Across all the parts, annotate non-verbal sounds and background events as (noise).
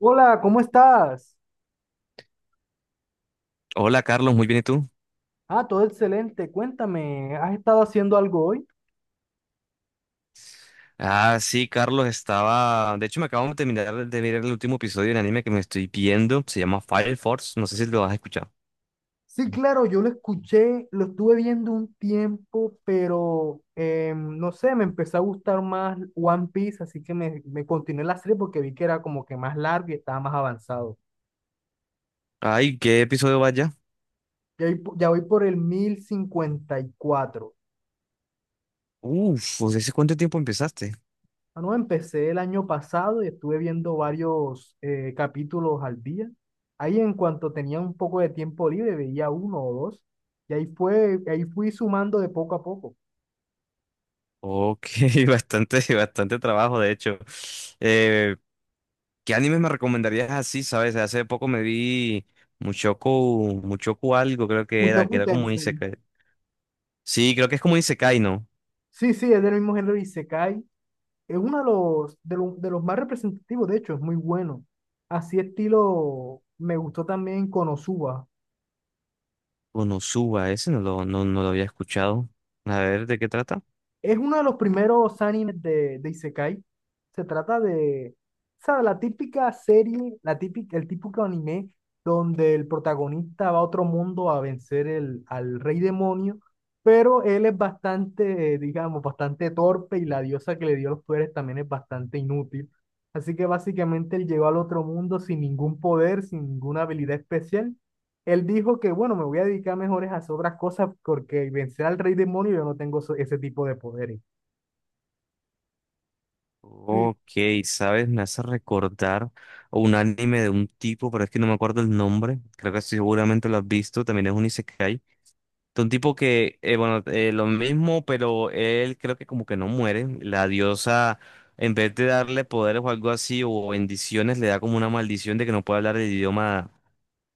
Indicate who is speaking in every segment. Speaker 1: Hola, ¿cómo estás?
Speaker 2: Hola Carlos, muy bien, ¿y tú?
Speaker 1: Ah, todo excelente. Cuéntame, ¿has estado haciendo algo hoy?
Speaker 2: Sí, Carlos, estaba... De hecho, me acabo de terminar de mirar el último episodio del anime que me estoy viendo. Se llama Fire Force, no sé si lo has escuchado.
Speaker 1: Sí, claro, yo lo escuché, lo estuve viendo un tiempo, pero no sé, me empezó a gustar más One Piece, así que me continué la serie porque vi que era como que más largo y estaba más avanzado.
Speaker 2: Ay, ¿qué episodio vaya?
Speaker 1: Ya voy, ya voy por el 1054.
Speaker 2: Uf, pues ¿hace cuánto tiempo empezaste?
Speaker 1: Ah, no, empecé el año pasado y estuve viendo varios capítulos al día. Ahí en cuanto tenía un poco de tiempo libre, veía uno o dos. Y ahí fui sumando de poco a poco.
Speaker 2: Ok, (laughs) bastante, bastante trabajo, de hecho. Eh, ¿Qué animes me recomendarías así, sabes? Hace poco me vi Mushoku algo creo que
Speaker 1: Mushoku
Speaker 2: era como un
Speaker 1: Tensei.
Speaker 2: isekai. Sí, creo que es como un isekai, ¿no?
Speaker 1: Sí, sí, es del mismo género Isekai. Es uno de los más representativos, de hecho, es muy bueno. Así estilo, me gustó también Konosuba.
Speaker 2: Konosuba, ese no lo había escuchado. A ver, ¿de qué trata?
Speaker 1: Es uno de los primeros animes de Isekai. Se trata de, o sea, la típica serie, el típico anime donde el protagonista va a otro mundo a vencer al rey demonio, pero él es bastante, digamos, bastante torpe y la diosa que le dio los poderes también es bastante inútil. Así que básicamente él llegó al otro mundo sin ningún poder, sin ninguna habilidad especial. Él dijo que, bueno, me voy a dedicar mejores a hacer otras cosas porque vencer al rey demonio yo no tengo ese tipo de poderes. Sí.
Speaker 2: Ok, ¿sabes? Me hace recordar a un anime de un tipo, pero es que no me acuerdo el nombre. Creo que sí, seguramente lo has visto. También es un isekai. De un tipo que, bueno, lo mismo, pero él creo que como que no muere. La diosa, en vez de darle poderes o algo así, o bendiciones, le da como una maldición de que no puede hablar el idioma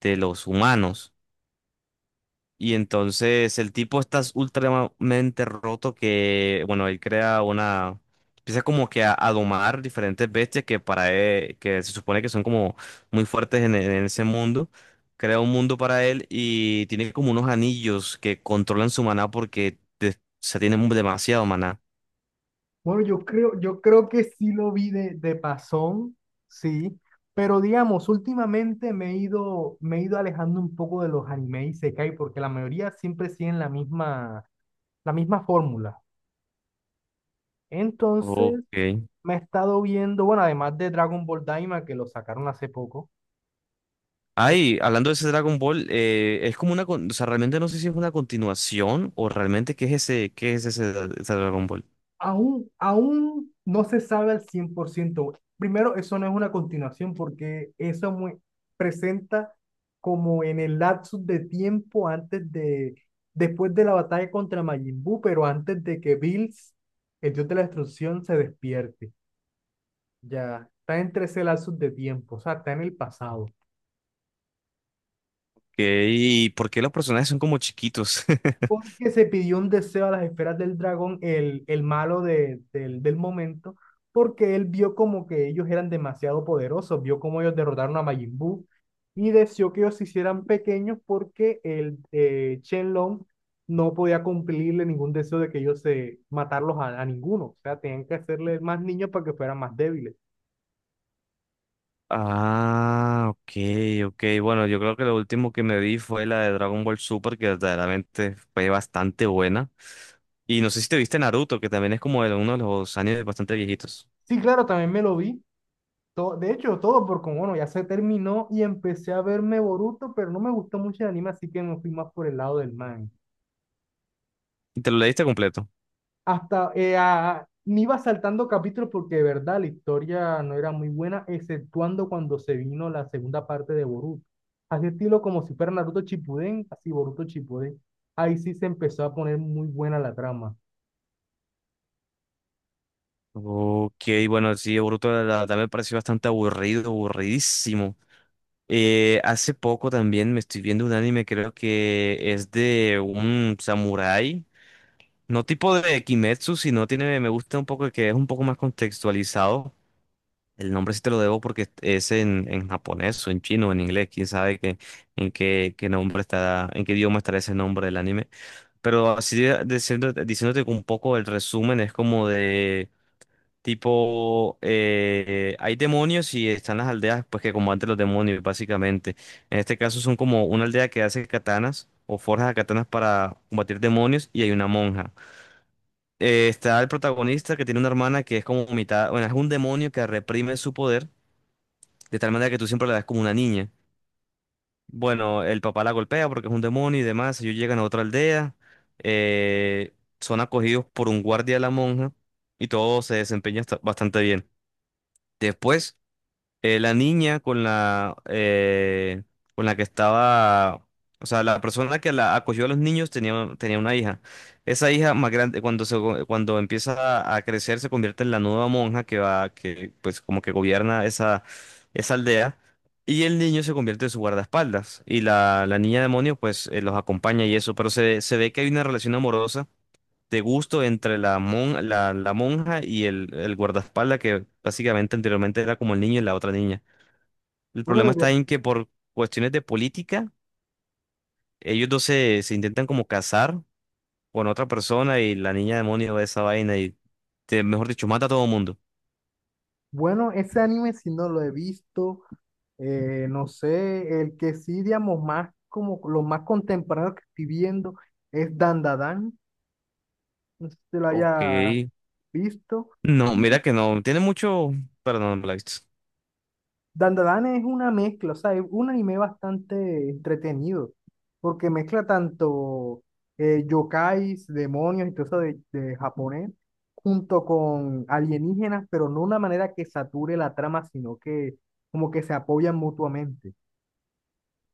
Speaker 2: de los humanos. Y entonces el tipo está ultramente roto que, bueno, él crea una... Empieza como que a domar diferentes bestias que para él, que se supone que son como muy fuertes en ese mundo. Crea un mundo para él y tiene como unos anillos que controlan su maná porque se tiene demasiado maná.
Speaker 1: Bueno, yo creo que sí lo vi de pasón. Sí, pero digamos, últimamente me he ido alejando un poco de los animes Isekai porque la mayoría siempre siguen la misma fórmula. Entonces,
Speaker 2: Ok.
Speaker 1: me he estado viendo, bueno, además de Dragon Ball Daima, que lo sacaron hace poco, eh,
Speaker 2: Ay, hablando de ese Dragon Ball, es como una... O sea, realmente no sé si es una continuación o realmente qué es ese ese Dragon Ball.
Speaker 1: aún, no se sabe al 100%. Primero, eso no es una continuación porque presenta como en el lapsus de tiempo antes de, después de la batalla contra Majin Buu, pero antes de que Bills, el dios de la destrucción, se despierte. Ya, está entre ese lapsus de tiempo, o sea, está en el pasado.
Speaker 2: ¿Y por qué los personajes son como chiquitos? (laughs)
Speaker 1: Porque se pidió un deseo a las esferas del dragón, el malo del momento, porque él vio como que ellos eran demasiado poderosos, vio como ellos derrotaron a Majin Buu y deseó que ellos se hicieran pequeños porque el Shenlong no podía cumplirle ningún deseo de que ellos se matarlos a ninguno, o sea, tenían que hacerle más niños para que fueran más débiles.
Speaker 2: Ah, ok. Bueno, yo creo que lo último que me vi fue la de Dragon Ball Super, que verdaderamente fue bastante buena. Y no sé si te viste Naruto, que también es como de uno de los años bastante viejitos.
Speaker 1: Sí, claro, también me lo vi. De hecho, todo porque, bueno, ya se terminó y empecé a verme Boruto, pero no me gustó mucho el anime, así que me fui más por el lado del manga.
Speaker 2: ¿Y te lo leíste completo?
Speaker 1: Hasta me iba saltando capítulos porque de verdad la historia no era muy buena, exceptuando cuando se vino la segunda parte de Boruto. Así estilo como si fuera Naruto Shippuden, así Boruto Shippuden. Ahí sí se empezó a poner muy buena la trama.
Speaker 2: Ok, bueno, sí, Boruto la verdad me pareció bastante aburridísimo. Hace poco también me estoy viendo un anime, creo que es de un samurái. No tipo de Kimetsu, sino tiene, me gusta un poco que es un poco más contextualizado. El nombre sí te lo debo porque es en japonés o en chino o en inglés, quién sabe qué, qué nombre está, en qué idioma estará ese nombre del anime. Pero diciendo, diciéndote un poco el resumen, es como de tipo, hay demonios y están las aldeas pues que combaten los demonios, básicamente. En este caso son como una aldea que hace katanas o forja katanas para combatir demonios y hay una monja está el protagonista que tiene una hermana que es como mitad, bueno, es un demonio que reprime su poder de tal manera que tú siempre la ves como una niña. Bueno, el papá la golpea porque es un demonio y demás. Ellos llegan a otra aldea, eh, son acogidos por un guardia de la monja y todo se desempeña bastante bien. Después la niña con la que estaba, o sea, la persona que la acogió a los niños tenía una hija. Esa hija más grande, cuando empieza a crecer, se convierte en la nueva monja que va, que pues como que gobierna esa aldea. Y el niño se convierte en su guardaespaldas. Y la niña demonio, pues, los acompaña y eso. Pero se ve que hay una relación amorosa de gusto entre la monja y el guardaespaldas, que básicamente anteriormente era como el niño y la otra niña. El
Speaker 1: Bueno,
Speaker 2: problema
Speaker 1: de ver-
Speaker 2: está en que por cuestiones de política, se intentan como casar con otra persona y la niña demonio de esa vaina y, mejor dicho, mata a todo mundo.
Speaker 1: bueno, ese anime si no lo he visto. No sé, el que sí, digamos, más como los más contemporáneos que estoy viendo es Dandadan, no sé si te lo
Speaker 2: Ok.
Speaker 1: haya visto.
Speaker 2: No,
Speaker 1: Y
Speaker 2: mira que no. Tiene mucho... Perdón, no me la he visto.
Speaker 1: Dandadan es una mezcla, o sea, es un anime bastante entretenido, porque mezcla tanto yokais, demonios y todo eso de japonés, junto con alienígenas, pero no una manera que sature la trama, sino que como que se apoyan mutuamente.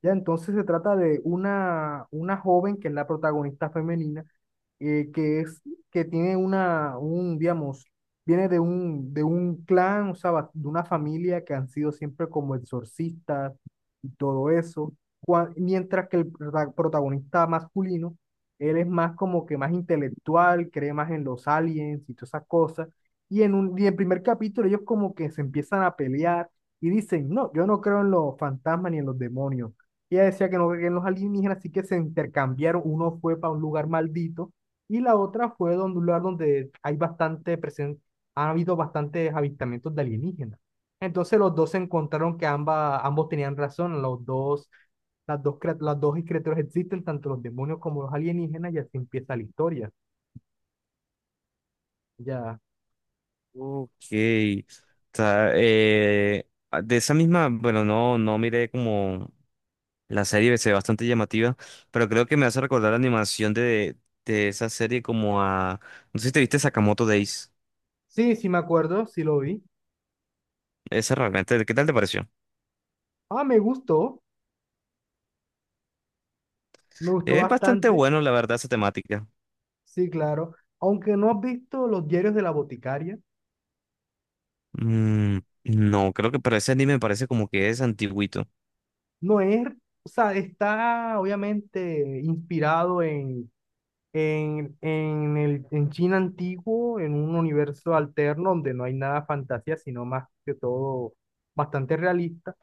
Speaker 1: Ya, entonces se trata de una joven que es la protagonista femenina, eh, que es, que tiene digamos, viene de un clan, o sea, de una familia que han sido siempre como exorcistas y todo eso. Mientras que el protagonista masculino, él es más como que más intelectual, cree más en los aliens y todas esas cosas, y en el primer capítulo ellos como que se empiezan a pelear y dicen, no, yo no creo en los fantasmas ni en los demonios, y ella decía que no creía en los alienígenas, así que se intercambiaron. Uno fue para un lugar maldito y la otra fue donde un lugar donde hay ha habido bastantes avistamientos de alienígenas. Entonces los dos se encontraron que ambos tenían razón, los dos, las dos, crea- las dos criaturas existen, tanto los demonios como los alienígenas, y así empieza la historia. Ya.
Speaker 2: Ok. Está, de esa misma, bueno, no miré como la serie, se ve bastante llamativa, pero creo que me hace recordar la animación de esa serie como a... No sé si te viste Sakamoto Days.
Speaker 1: Sí, sí me acuerdo, sí lo vi.
Speaker 2: Esa realmente, ¿qué tal te pareció?
Speaker 1: Ah, me gustó
Speaker 2: Es bastante
Speaker 1: bastante.
Speaker 2: bueno, la verdad, esa temática.
Speaker 1: Sí, claro. Aunque no has visto Los Diarios de la Boticaria.
Speaker 2: Mm, no, creo que, pero ese anime me parece como que es antiguito.
Speaker 1: No es, o sea, está obviamente inspirado en China antiguo, en un universo alterno donde no hay nada de fantasía, sino más que todo bastante realista,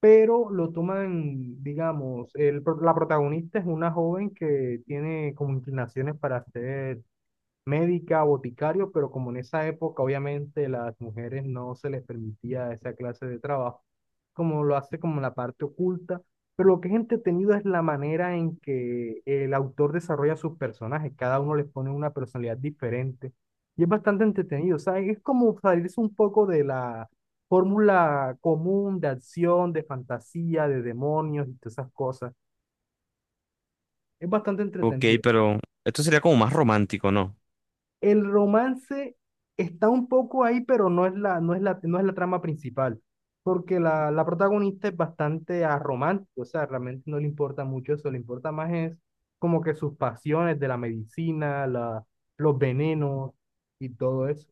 Speaker 1: pero lo toman, digamos, la protagonista es una joven que tiene como inclinaciones para hacer médica, boticario, pero como en esa época obviamente las mujeres no se les permitía esa clase de trabajo, como lo hace como la parte oculta, pero lo que es entretenido es la manera en que el autor desarrolla sus personajes, cada uno les pone una personalidad diferente y es bastante entretenido, o sea, es como salirse un poco de la fórmula común de acción, de fantasía, de demonios y todas esas cosas, es bastante
Speaker 2: Ok,
Speaker 1: entretenido.
Speaker 2: pero esto sería como más romántico, ¿no?
Speaker 1: El romance está un poco ahí, pero no es la trama principal, porque la protagonista es bastante aromántica, o sea, realmente no le importa mucho eso, le importa más es como que sus pasiones de la medicina, los venenos y todo eso.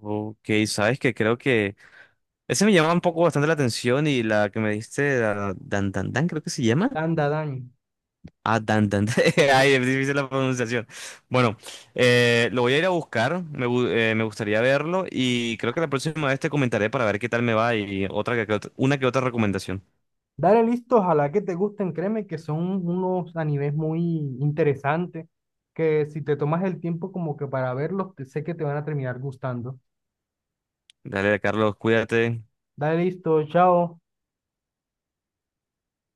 Speaker 2: Ok, sabes que creo que ese me llama un poco bastante la atención y la que me diste, la Dan Dan Dan, creo que se llama.
Speaker 1: Anda, Dani.
Speaker 2: Ah, Dan. (laughs) Ay, es difícil la pronunciación. Bueno, lo voy a ir a buscar, me gustaría verlo y creo que la próxima vez te comentaré para ver qué tal me va y otra que otra- una que otra recomendación.
Speaker 1: Dale, listo, ojalá que te gusten, créeme que son unos animes muy interesantes, que si te tomas el tiempo como que para verlos, sé que te van a terminar gustando.
Speaker 2: Dale, Carlos, cuídate.
Speaker 1: Dale, listo, chao.